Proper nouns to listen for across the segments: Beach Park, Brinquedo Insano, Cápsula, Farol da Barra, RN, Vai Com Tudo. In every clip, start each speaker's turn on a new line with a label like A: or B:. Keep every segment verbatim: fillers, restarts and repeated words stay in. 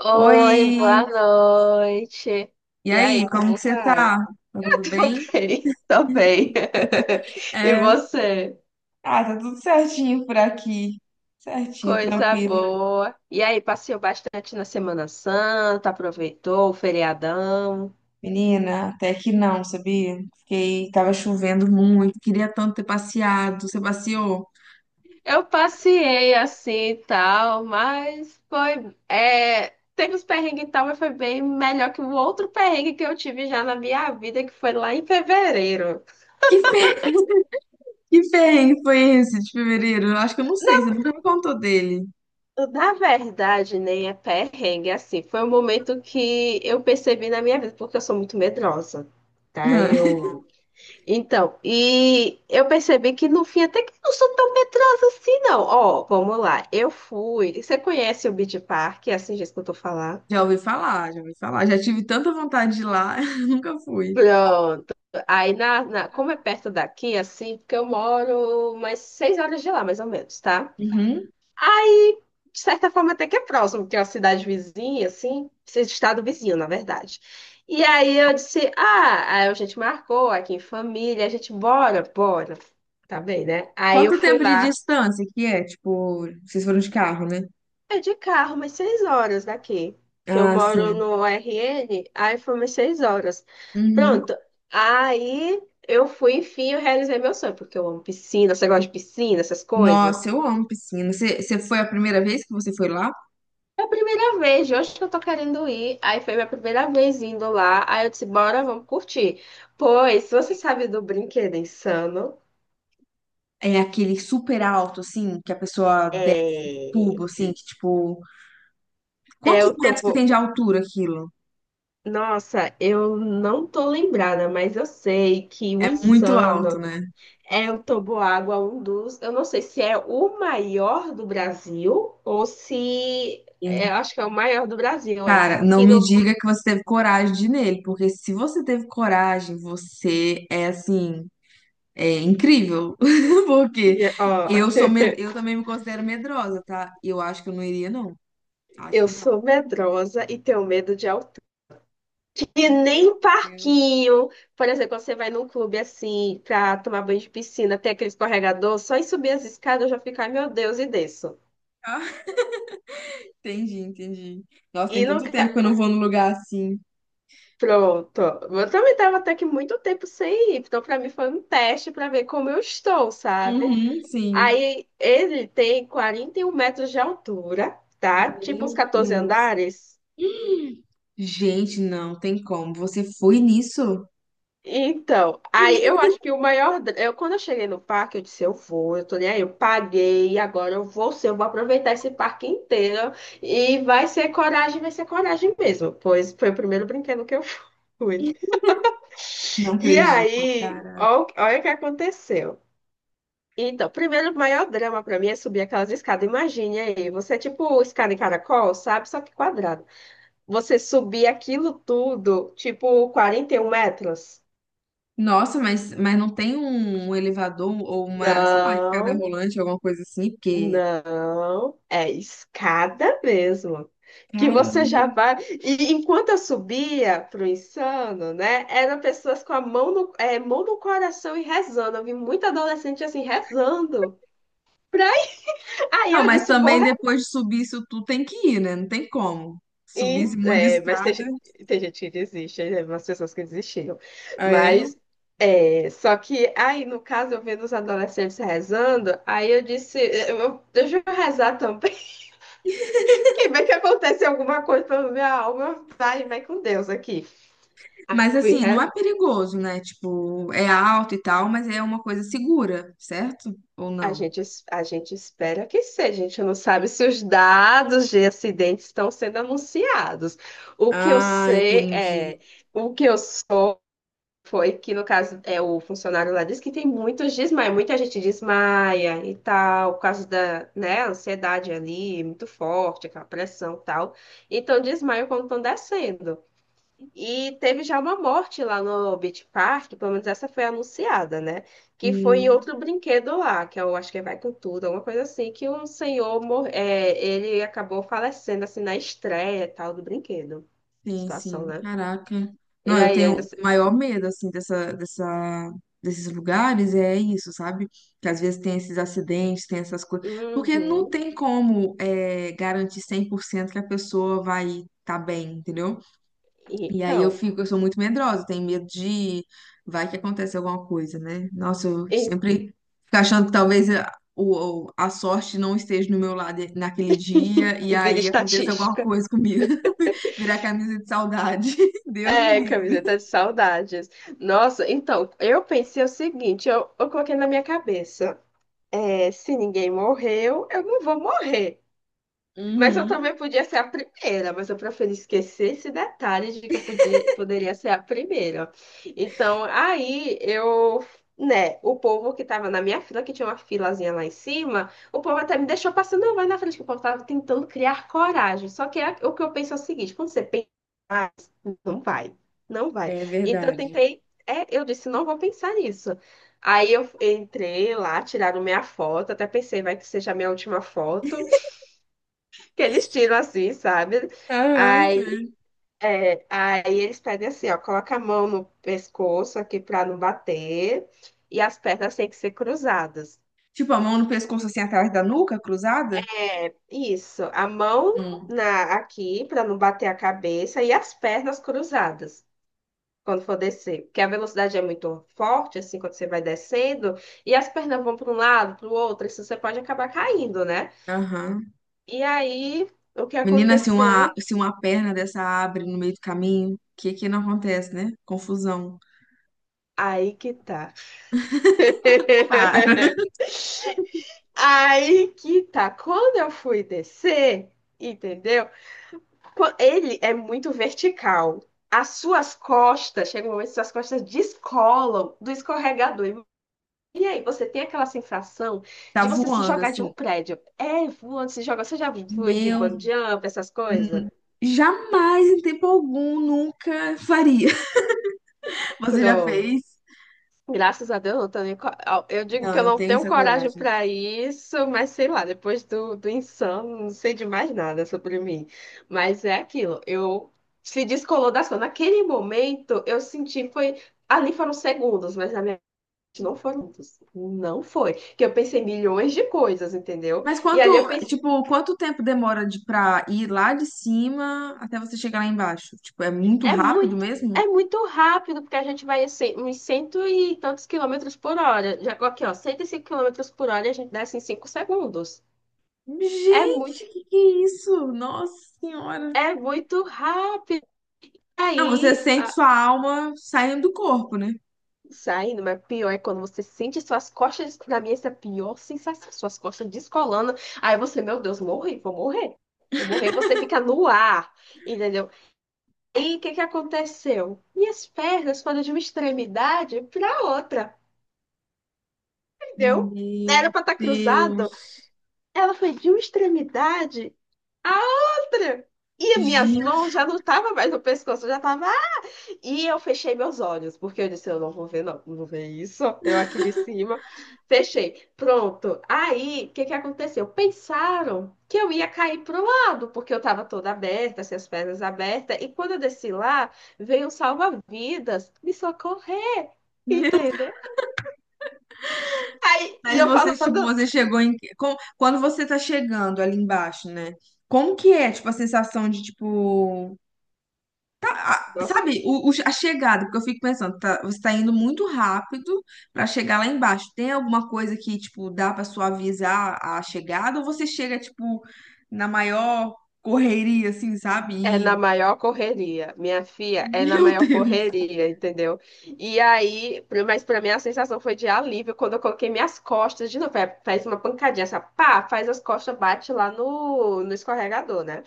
A: Oi,
B: Oi,
A: boa noite.
B: e
A: E aí,
B: aí, como que
A: como
B: você tá?
A: vai?
B: Tá tudo
A: Tô
B: bem?
A: bem, tô bem. E
B: É,
A: você?
B: Ah, tá tudo certinho por aqui. Certinho,
A: Coisa
B: tranquilo.
A: boa. E aí, passeou bastante na Semana Santa, aproveitou o feriadão?
B: Menina, até que não, sabia? Fiquei, tava chovendo muito, queria tanto ter passeado. Você passeou?
A: Eu passei assim e tal, mas foi. É, teve os perrengues e tal, mas foi bem melhor que o outro perrengue que eu tive já na minha vida, que foi lá em fevereiro.
B: Que fer... que perrengue foi esse de fevereiro? Eu acho que eu não sei, você nunca me contou dele.
A: Na verdade, nem é perrengue, assim, foi um momento que eu percebi na minha vida, porque eu sou muito medrosa, tá? Eu... Então, e eu percebi que no fim até que eu não sou tão medrosa assim, não. Ó, vamos lá, eu fui, você conhece o Beach Park, é assim, já escutou falar?
B: Já ouvi falar, já ouvi falar. Já tive tanta vontade de ir lá, nunca fui.
A: Pronto. Aí, na, na- como é perto daqui, assim, porque eu moro umas seis horas de lá, mais ou menos, tá?
B: Uhum.
A: De certa forma, até que é próximo, porque é uma cidade vizinha, assim, esse estado vizinho, na verdade. E aí eu disse, ah, aí a gente marcou aqui em família, a gente, bora, bora. Tá bem, né? Aí eu
B: Quanto
A: fui
B: tempo de
A: lá,
B: distância que é? Tipo, vocês foram de carro, né?
A: é de carro, umas seis horas daqui, que eu
B: Ah,
A: moro
B: sim.
A: no R N, aí foi umas seis horas.
B: Uhum.
A: Pronto, aí eu fui, enfim, eu realizei meu sonho, porque eu amo piscina, você gosta de piscina, essas coisas?
B: Nossa, eu amo piscina. Você, você foi a primeira vez que você foi lá?
A: É a primeira vez, de hoje que eu tô querendo ir. Aí foi minha primeira vez indo lá. Aí eu disse, bora, vamos curtir. Pois, se você sabe do Brinquedo Insano,
B: É aquele super alto, assim, que a pessoa desce o tubo,
A: é...
B: assim, que tipo.
A: é
B: Quantos
A: o
B: metros que
A: topo...
B: tem de altura aquilo?
A: Nossa, eu não tô lembrada, mas eu sei que o
B: É muito alto,
A: Insano
B: né?
A: é o toboágua, um dos... Eu não sei se é o maior do Brasil ou se... é,
B: Sim.
A: eu acho que é o maior do Brasil, é.
B: Cara, não
A: Que
B: me
A: no...
B: diga que você teve coragem de ir nele, porque se você teve coragem, você é assim. É incrível, porque
A: Ó,
B: eu sou med... eu também me considero medrosa, tá? Eu acho que eu não iria, não. Acho
A: eu
B: que não.
A: sou medrosa e tenho medo de altura. E
B: Meu
A: nem
B: Deus.
A: parquinho. Por exemplo, quando você vai num clube assim, pra tomar banho de piscina, tem aquele escorregador, só em subir as escadas eu já fico, ai meu Deus, e desço.
B: Entendi, entendi. Nossa,
A: E
B: tem tanto tempo
A: nunca.
B: que eu não vou num lugar assim.
A: Pronto. Eu também tava até que muito tempo sem ir, então pra mim foi um teste pra ver como eu estou, sabe?
B: Uhum, sim.
A: Aí ele tem quarenta e um metros de altura, tá? Tipo uns
B: Meu
A: catorze
B: Deus.
A: andares.
B: Hum. Gente, não tem como. Você foi nisso?
A: Então, aí eu acho que o maior. dra- eu, quando eu cheguei no parque, eu disse: eu vou, eu tô nem aí, eu paguei, agora eu vou ser, eu vou aproveitar esse parque inteiro e vai ser coragem, vai ser coragem mesmo, pois foi o primeiro brinquedo que eu fui.
B: Não
A: E
B: acredito,
A: aí,
B: cara.
A: ó o- olha o que aconteceu. Então, primeiro, o maior drama pra mim é subir aquelas escadas. Imagine aí, você é tipo escada em caracol, sabe? Só que quadrado. Você subir aquilo tudo, tipo quarenta e um metros.
B: Nossa, mas, mas não tem um, um elevador ou uma, sei lá, escada
A: Não.
B: rolante, alguma coisa assim, porque.
A: Não, é escada mesmo. Que você já
B: Caramba.
A: vai. E enquanto eu subia pro insano, né? Eram pessoas com a mão no, é, mão no coração e rezando. Eu vi muita adolescente assim rezando. Pra... Aí
B: Não,
A: eu
B: mas
A: disse, vou.
B: também
A: Re-
B: depois de subir isso tudo tem que ir, né? Não tem como. Subir
A: E,
B: esse monte de
A: é, mas tem,
B: escada.
A: ge- tem gente que desiste, né? Umas pessoas que desistiram.
B: Ah, é?
A: Mas. É, só que aí, no caso, eu vendo os adolescentes rezando, aí eu disse, eu, eu- deixa eu rezar também. Que bem que acontece alguma coisa pela minha alma, vai, vai com Deus aqui. Aí eu
B: Mas
A: fui,
B: assim, não
A: re-
B: é perigoso, né? Tipo, é alto e tal, mas é uma coisa segura, certo? Ou
A: a
B: não?
A: gente, es- a gente espera que seja, a gente não sabe se os dados de acidentes estão sendo anunciados. O que eu
B: Ah,
A: sei
B: entendi.
A: é, o que eu sei foi que, no caso, é o funcionário lá disse que tem muitos desmaios, muita gente desmaia e tal, por causa da, né, ansiedade ali, muito forte, aquela pressão e tal. Então, desmaio quando estão descendo. E teve já uma morte lá no Beach Park, pelo menos essa foi anunciada, né? Que foi em
B: Hum,
A: outro brinquedo lá, que eu acho que é Vai Com Tudo, alguma coisa assim, que um senhor, mor é, ele acabou falecendo, assim, na estreia e tal do brinquedo.
B: sim,
A: Situação,
B: sim.
A: né?
B: Caraca. Não,
A: E
B: eu
A: aí ainda...
B: tenho o
A: se-
B: maior medo, assim, dessa, dessa, desses lugares, é isso, sabe? Que às vezes tem esses acidentes, tem essas coisas. Porque não
A: Uhum.
B: tem como, é, garantir cem por cento que a pessoa vai estar bem, entendeu? E aí eu
A: Então...
B: fico, eu sou muito medrosa, tenho medo de vai que acontece alguma coisa, né? Nossa, eu
A: E,
B: sempre fico achando que talvez a, o- o- a sorte não esteja no meu lado naquele dia e
A: e vida
B: aí aconteça alguma
A: estatística.
B: coisa comigo. Virar camisa de saudade. Deus me
A: É,
B: livre.
A: camiseta de saudades. Nossa, então, eu pensei o seguinte, eu, eu coloquei na minha cabeça, é, se ninguém morreu, eu não vou morrer. Mas eu
B: Uhum,
A: também podia ser a primeira, mas eu preferi esquecer esse detalhe de que eu podia, poderia ser a primeira. Então, aí eu, né, o povo que tava na minha fila, que tinha uma filazinha lá em cima, o povo até me deixou passando, não, vai na frente, que o povo tava tentando criar coragem. Só que é o que eu penso é o seguinte, quando você pensa, mais, não vai, não vai.
B: é
A: Então eu
B: verdade.
A: tentei, é, eu disse, não vou pensar nisso. Aí eu entrei lá, tiraram minha foto, até pensei, vai que seja a minha última foto que eles tiram assim, sabe?
B: Aham,
A: Aí,
B: sim.
A: é, aí eles pedem assim, ó, coloca a mão no pescoço aqui pra não bater e as pernas têm que ser cruzadas.
B: Tipo, a mão no pescoço assim atrás da nuca, cruzada?
A: Isso, a mão
B: Hum,
A: na aqui pra não bater a cabeça e as pernas cruzadas quando for descer, porque a velocidade é muito forte assim quando você vai descendo e as pernas vão para um lado, para o outro, isso você pode acabar caindo, né?
B: Aham.
A: E aí, o que
B: Menina, se uma,
A: aconteceu?
B: se uma perna dessa abre no meio do caminho, o que que não acontece, né? Confusão.
A: Aí que tá.
B: Para.
A: Aí que tá, quando eu fui descer, entendeu? Qu- Ele é muito vertical. As suas costas, chega um momento que suas costas descolam do escorregador. E aí você tem aquela sensação
B: Tá
A: de você se
B: voando,
A: jogar de um
B: assim.
A: prédio. É, voando, se joga. Você já foi de
B: Meu,
A: bungee jump, essas coisas?
B: hum, jamais em tempo algum, nunca faria. Você já
A: Pronto.
B: fez?
A: Graças a Deus, eu não tô nem co- eu digo que
B: Não,
A: eu
B: eu não
A: não
B: tenho
A: tenho
B: essa
A: coragem
B: coragem.
A: para isso, mas sei lá, depois do, do insano, não sei de mais nada sobre mim. Mas é aquilo, eu se descolou da ação. Naquele momento, eu senti, foi, ali foram segundos, mas na minha mente não foram minutos. Não foi. Que eu pensei milhões de coisas, entendeu?
B: Mas
A: E
B: quanto,
A: ali eu pensei,
B: tipo, quanto tempo demora de pra ir lá de cima até você chegar lá embaixo? Tipo, é muito
A: é
B: rápido
A: muito.
B: mesmo?
A: É muito rápido, porque a gente vai a uns cento e tantos quilômetros por hora. Já aqui, ó, cento e cinco quilômetros por hora, e a gente desce em cinco segundos. É muito,
B: Gente, que que é isso? Nossa Senhora.
A: é muito rápido.
B: Não, você
A: Aí,
B: sente
A: a,
B: sua alma saindo do corpo, né?
A: saindo, mas pior é quando você sente suas costas, na minha, essa é a pior sensação, suas costas descolando. Aí você, meu Deus, morri, vou morrer. Vou morrer, você fica no ar, entendeu? E o que que aconteceu? Minhas pernas foram de uma extremidade para outra, entendeu?
B: Meu
A: Era para estar
B: Deus.
A: cruzado, ela foi de uma extremidade à outra. E as minhas mãos
B: Gente.
A: já não estavam mais no pescoço, já estavam. E eu fechei meus olhos, porque eu disse, eu não vou ver, não, não vou ver isso, eu aqui de cima. Fechei. Pronto. Aí, o que que aconteceu? Pensaram que eu ia cair pro lado, porque eu estava toda aberta, assim, as pernas abertas. E quando eu desci lá, veio um salva-vidas me socorrer, entendeu? Aí, e
B: Mas
A: eu
B: você, tipo,
A: falando,
B: você chegou em. Com- Quando você tá chegando ali embaixo, né? Como que é, tipo, a sensação de, tipo.
A: nossa,
B: Sabe, o, o- a chegada, porque eu fico pensando, tá, você tá indo muito rápido pra chegar lá embaixo. Tem alguma coisa que, tipo, dá pra suavizar a chegada? Ou você chega, tipo, na maior correria, assim, sabe?
A: é na
B: E-
A: maior correria, minha filha, é na
B: Meu
A: maior
B: Deus!
A: correria, entendeu? E aí, pra- mas pra mim a sensação foi de alívio quando eu coloquei minhas costas de novo. É, faz uma pancadinha, essa pá, faz as costas, bate lá no, no escorregador, né?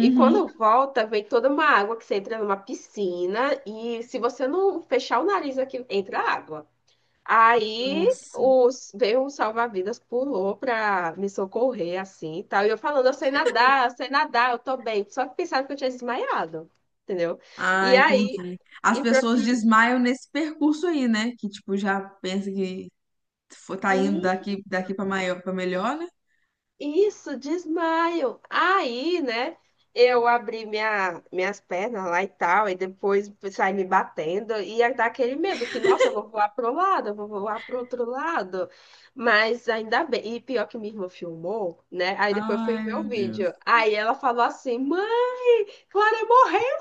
A: E quando volta, vem toda uma água que você entra numa piscina e se você não fechar o nariz aqui, entra água. Aí
B: Nossa.
A: os, veio um salva-vidas, pulou pra me socorrer, assim, e tal. E eu falando, eu sei nadar, eu sei nadar, eu tô bem. Só que pensaram que eu tinha desmaiado, entendeu?
B: Ah,
A: E aí,
B: entendi. As
A: e pra...
B: pessoas desmaiam nesse percurso aí, né? Que, tipo, já pensa que Fo- tá indo daqui, daqui pra maior, pra melhor, né?
A: Isso, desmaio. Aí, né, eu abri minha, minhas pernas lá e tal, e depois saí me batendo, e aí dá aquele medo que, nossa, eu vou voar pro lado, eu vou voar pro outro lado. Mas ainda bem, e pior que minha irmã filmou, né, aí depois eu fui
B: Ai,
A: ver o
B: meu Deus.
A: vídeo. Aí ela falou assim, mãe, Clara morreu.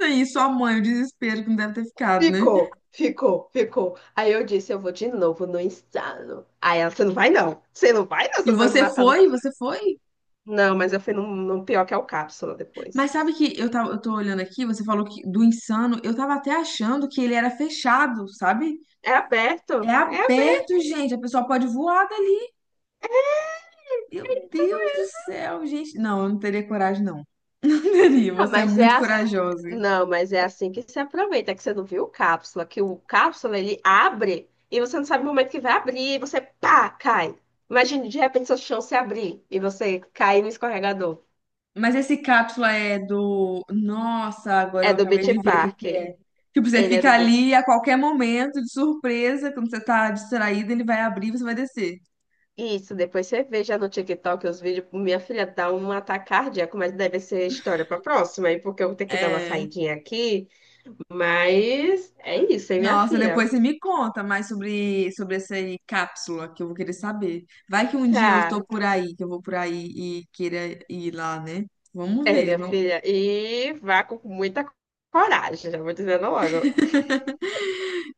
B: E sua mãe, o desespero que não deve ter ficado, né?
A: Ficou, ficou, ficou. Aí eu disse, eu vou de novo no insano. Aí ela, você não vai não, você não vai não, você
B: E
A: não vai me
B: você
A: matar no.
B: foi, você foi?
A: Não, mas eu fui num, num pior que é o Cápsula depois.
B: Mas sabe que eu tava, eu tô olhando aqui, você falou que do Insano, eu tava até achando que ele era fechado, sabe?
A: É
B: É
A: aberto? É aberto.
B: aberto, gente, a pessoa pode voar dali.
A: É.
B: Meu Deus do céu, gente. Não, eu não teria coragem, não. Não teria,
A: Ah,
B: você é
A: mas é
B: muito
A: assim.
B: corajosa.
A: Não, mas é assim que se aproveita, que você não viu o cápsula, que o cápsula ele abre e você não sabe o momento que vai abrir e você pá, cai. Imagina, de repente seu chão se abrir e você cair no escorregador.
B: Mas esse cápsula é do. Nossa, agora
A: É
B: eu
A: do
B: acabei
A: Beach
B: de ver o que
A: Park.
B: que é. Tipo, você
A: Ele é
B: fica
A: do Beach...
B: ali e a qualquer momento, de surpresa, quando você tá distraído, ele vai abrir e você vai descer.
A: Isso, depois você veja no TikTok os vídeos. Minha filha dá um ataque cardíaco, mas deve ser história pra próxima, aí porque eu vou ter que dar uma
B: É.
A: saidinha aqui. Mas é isso, hein, minha
B: Nossa,
A: filha?
B: depois você me conta mais sobre, sobre essa aí cápsula, que eu vou querer saber. Vai que um dia eu
A: Tá.
B: tô por aí, que eu vou por aí e queira ir lá, né? Vamos
A: É,
B: ver.
A: minha
B: Não,
A: filha. E vá com muita coragem, já vou dizendo logo.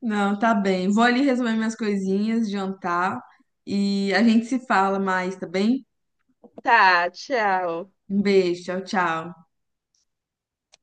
B: não tá bem. Vou ali resolver minhas coisinhas, jantar e a gente se fala mais, tá bem?
A: Tá, tchau.
B: Um beijo, tchau, tchau.